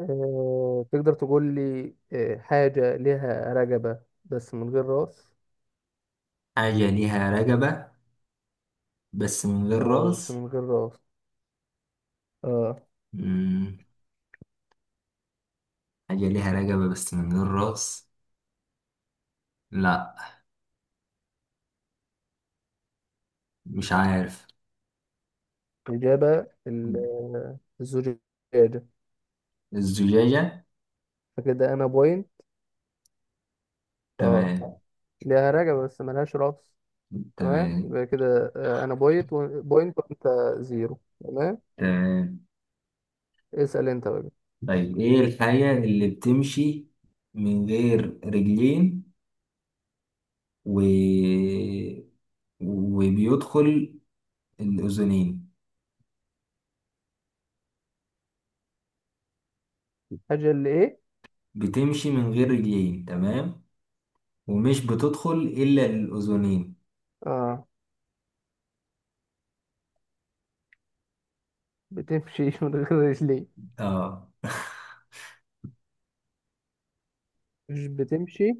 تقدر تقول لي، حاجة لها رقبة بس من غير راس. حاجة ليها رقبة، بس من غير اه، بس راس. من غير راس. اه. مم. حاجة ليها رقبة بس من غير راس. لا، مش عارف. إجابة الزجاجة. الزجاجة. فكده أنا بوينت. اه. تمام. لها رقبة بس ملهاش راس. تمام، تمام. يبقى كده أنا بوينت و... بوينت وأنت زيرو. تمام. تمام. اسأل أنت بقى. طيب، ايه الحاجة اللي بتمشي من غير رجلين و... وبيدخل الأذنين؟ الحاجة اللي إيه؟ بتمشي من غير رجلين، تمام، ومش بتدخل إلا الأذنين. اه، بتمشي من غير رجلين. اه. مش بتمشي؟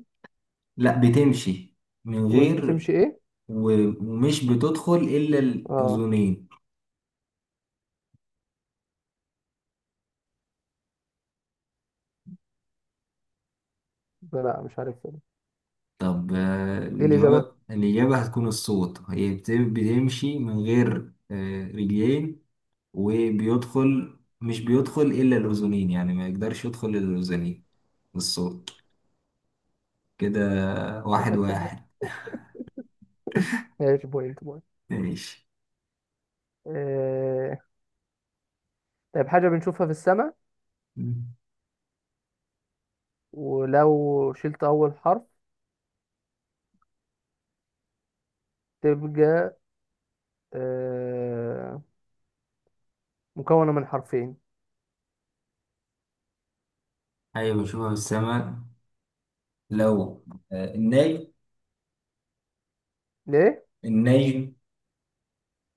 لا، بتمشي من ومش غير. بتمشي إيه؟ ومش بتدخل إلا اه. الأذنين. لا، مش عارف إيه طب الإجابة. الجواب، الإجابة هتكون الصوت، هي بتمشي من غير رجلين، وبيدخل، مش بيدخل إلا الأذنين، يعني ما يقدرش يدخل إلا الأذنين، الصوت. كده واحد صدق سهل. واحد. ماشي، بوينت بوينت. ماشي. آه... طيب، حاجة بنشوفها في السماء، ولو شلت أول حرف تبقى آه... مكونة من حرفين. حاجة بشوفها في السماء، لو النجم. ليه؟ النجم.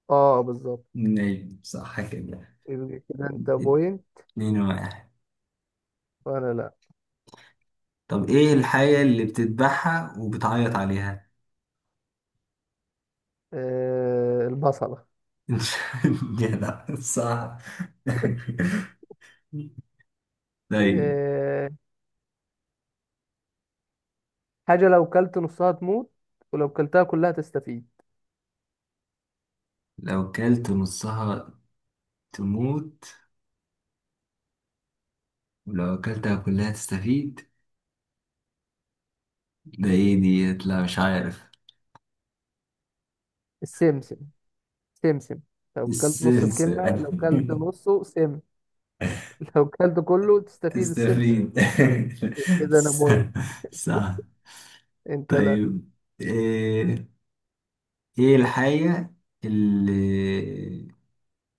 اه، بالظبط. النجم صح كده. يبقى كده انت بوينت اتنين واحد. وأنا لأ. طب ايه الحاجة اللي بتذبحها وبتعيط عليها؟ البصلة. يا لا، صح. طيب، آه... حاجة لو كلت نصها تموت ولو كلتها كلها تستفيد. لو كلت نصها تموت ولو أكلتها كلها تستفيد، ده ايه ديت؟ لا مش عارف. السمسم. سمسم. لو كلت نص السلسة. الكلمة، لو كلت نصه سم. لو كلت كله تستفيد، السمسم. تستفيد. كده أنا بوينت، صح. انت لأ. طيب، ايه، إيه الحاجة اللي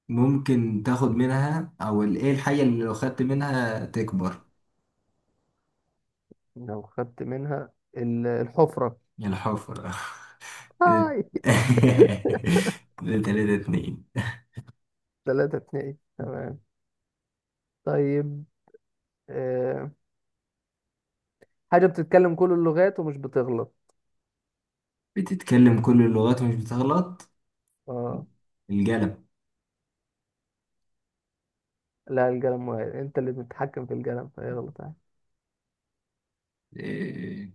ممكن تاخد منها او ايه الحاجة اللي لو خدت منها تكبر؟ لو خدت منها الحفرة. الحفرة. كده. هاي. كده تلاتة اتنين. ثلاثة اتنين. تمام. طيب، آه. حاجة بتتكلم كل اللغات ومش بتغلط. بتتكلم كل اللغات ومش بتغلط. اه. القلم. لا، القلم مغير، انت اللي بتتحكم في القلم فيغلط عادي. إيه.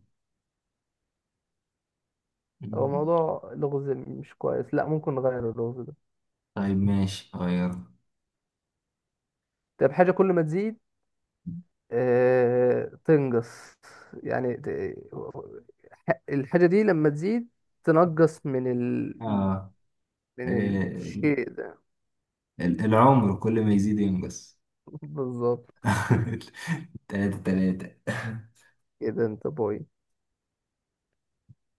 هو موضوع لغز مش كويس، لا، ممكن نغير اللغز ده. طيب ماشي، غير. طيب، حاجة كل ما تزيد تنقص. يعني الحاجة دي لما تزيد تنقص من اه. من إيه. الشيء ده. العمر كل ما يزيد ينقص. بالظبط. تلاتة تلاتة. كده انت بوي.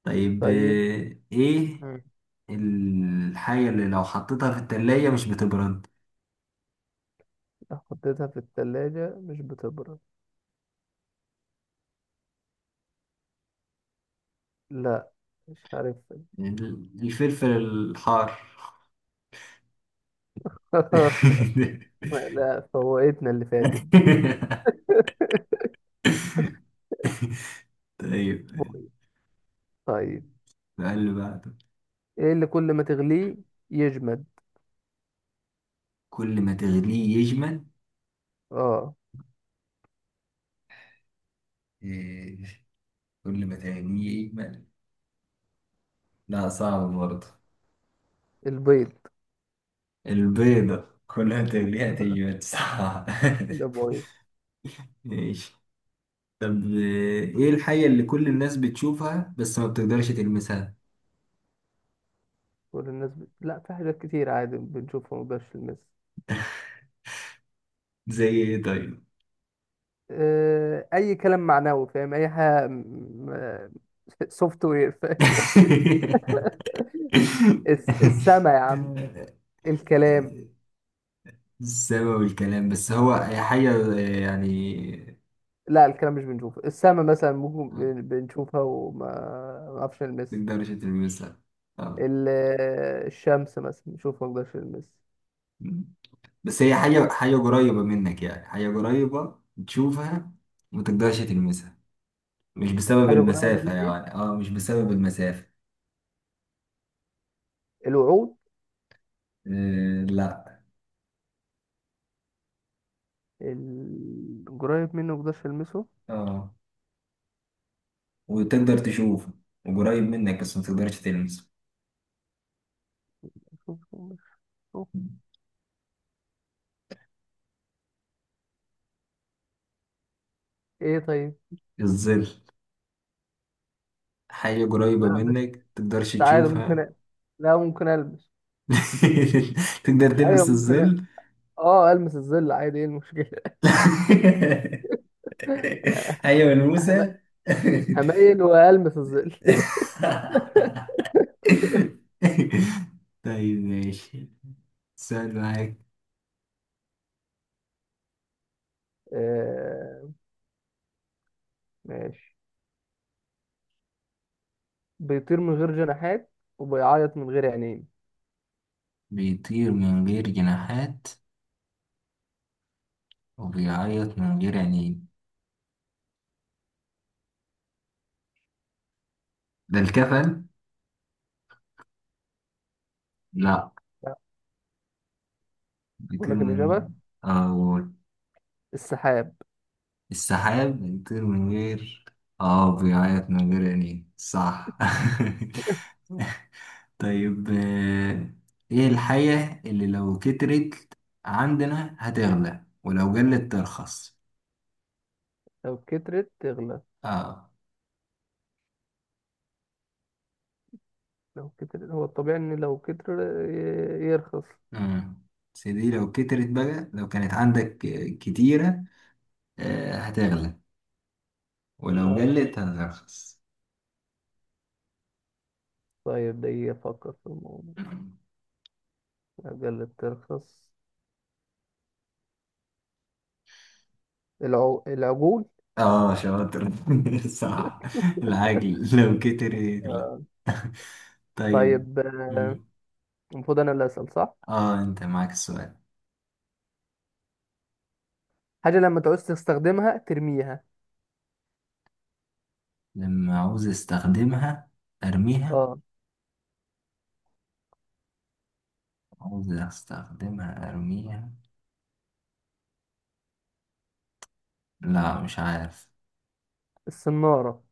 طيب، طيب، ايه الحاجة اللي لو حطيتها في التلاجة مش بتبرد؟ حطيتها في التلاجة مش بتبرد. لا، مش عارف. الفلفل الحار. لا، فوقتنا اللي فاتت دي. طيب. بيض. طيب. فقال له بقى، طب ايه اللي كل ما تغليه يجمد؟ كل ما تغليه يجمل. اه، إيه، كل ما تغليه يجمل. لا، صعب برضه. البيض. البيضة كل ما تغليها تجمل، صعب. ده بيض. ماشي. طب إيه، إيه الحاجة اللي كل الناس بتشوفها بس ما بتقدرش تلمسها؟ كل الناس لا، في حاجات كتير عادي بنشوفها مبقاش نلمسها. زي ايه طيب؟ اي كلام معنوي، فاهم؟ اي حاجه سوفت وير، فاهم؟ السما يا عم، الكلام. السما والكلام، بس هو هي حاجة يعني لا، الكلام مش بنشوفه، السما مثلا ممكن ما بنشوفها، وما ما نعرفش نلمسها. تقدرش تلمسها. ال- الشمس مثلا نشوف، ما اقدرش المس. آه. بس هي حاجة، حاجة قريبة منك، يعني حاجة قريبة تشوفها وما تقدرش تلمسها، مش بسبب حاجه قريبه المسافة مني. يعني. اه مش بسبب المسافة. الوعود. آه لا. قريب مني ما اقدرش المسه. اه، وتقدر تشوفه وقريب منك بس ما تقدرش تلمسه. شوف- شوف- شوف. ايه طيب. الظل. حاجة قريبة لا بس، منك بس تقدرش عادي ممكن تشوفها. لا، ممكن البس. تقدر ايوه، تلمس ممكن الظل؟ اه، المس الظل عادي، ايه المشكله؟ حاجة هم- ملموسة. هميل والمس الظل. طيب ماشي. سؤال معاك. آه، ماشي. بيطير من غير جناحات وبيعيط من غير عينين. بيطير من غير جناحات وبيعيط من غير عينين، ده الكفل؟ لا. بقول بيطير لك من، الاجابه، أو السحاب. السحاب بيطير من غير. اه، بيعيط من غير عينين، صح. طيب، ايه الحاجة اللي لو كترت عندنا هتغلى ولو قلت ترخص؟ لو كترت تغلى. اه. لو كتر، هو الطبيعي ان لو كتر يرخص. امم، بس دي لو كترت بقى، لو كانت عندك كتيرة، هتغلى ولو اه. قلت هترخص. طيب، ده يفكر في الموضوع. قلت ترخص، العجول. اه شاطر. صح. العجل لو كتر يغلب. آه، طيب. طيب. مم. المفروض انا اللي اسال، صح؟ اه، انت معاك السؤال. حاجه لما تعوز تستخدمها ترميها. لما عاوز استخدمها ارميها. اه، عاوز استخدمها ارميها، لا مش عارف. الصناره.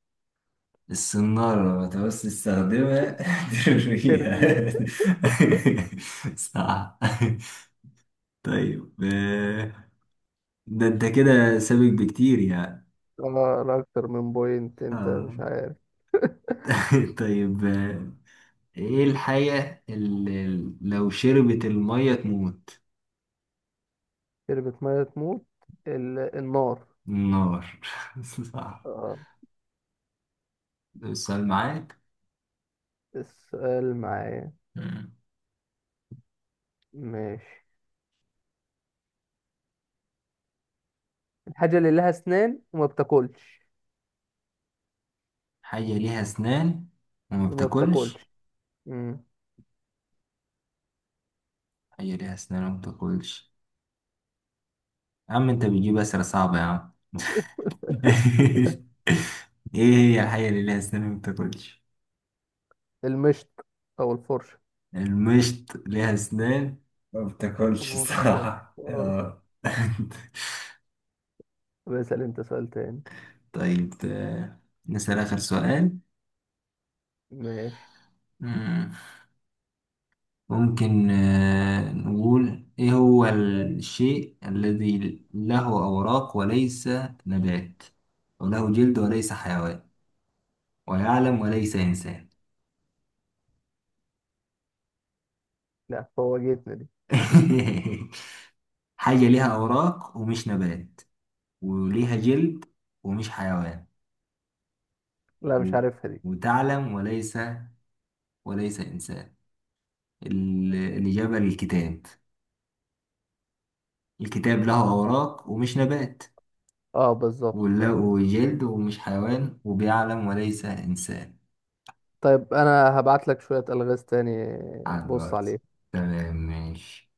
السنارة، لما تعوز تستخدمها ترميها. ترميها. صح. طيب، ده انت كده سابق بكتير يعني. اه، لا، اكتر من بوينت انت مش اه. عارف. طيب، ايه الحاجة اللي لو شربت المية تموت؟ شربت ميه تموت. النار. النار. صح. اه. ده السؤال معاك. السؤال معايا، مم. ماشي. الحاجه اللي لها اسنان وما بتاكلش. حاجة ليها أسنان وما وما بتاكلش. بتاكلش. مم. حاجة ليها أسنان وما بتاكلش، يا عم أنت بتجيب أسئلة صعبة يا عم. إيه هي الحاجة اللي ليها أسنان وما بتاكلش؟ المشط او الفرشه. المشط ليها أسنان، ما بتاكلش الصراحة. آه. آه. بسأل انت سؤال تاني. طيب، نسأل آخر سؤال. ماشي. مم. ممكن نقول، إيه هو الشيء الذي له أوراق وليس نبات، وله جلد وليس حيوان، ويعلم وليس إنسان؟ لا، فوجئتني دي. حاجة ليها أوراق ومش نبات وليها جلد ومش حيوان لا، مش و- عارفها دي. وتعلم وليس، وليس إنسان. الإجابة للكتاب. الكتاب له أوراق ومش نبات، اه، بالظبط فعلا. وله جلد ومش حيوان، وبيعلم وليس إنسان. طيب، انا هبعت لك شوية الغاز تاني. على بص الواتس. عليهم. تمام ماشي.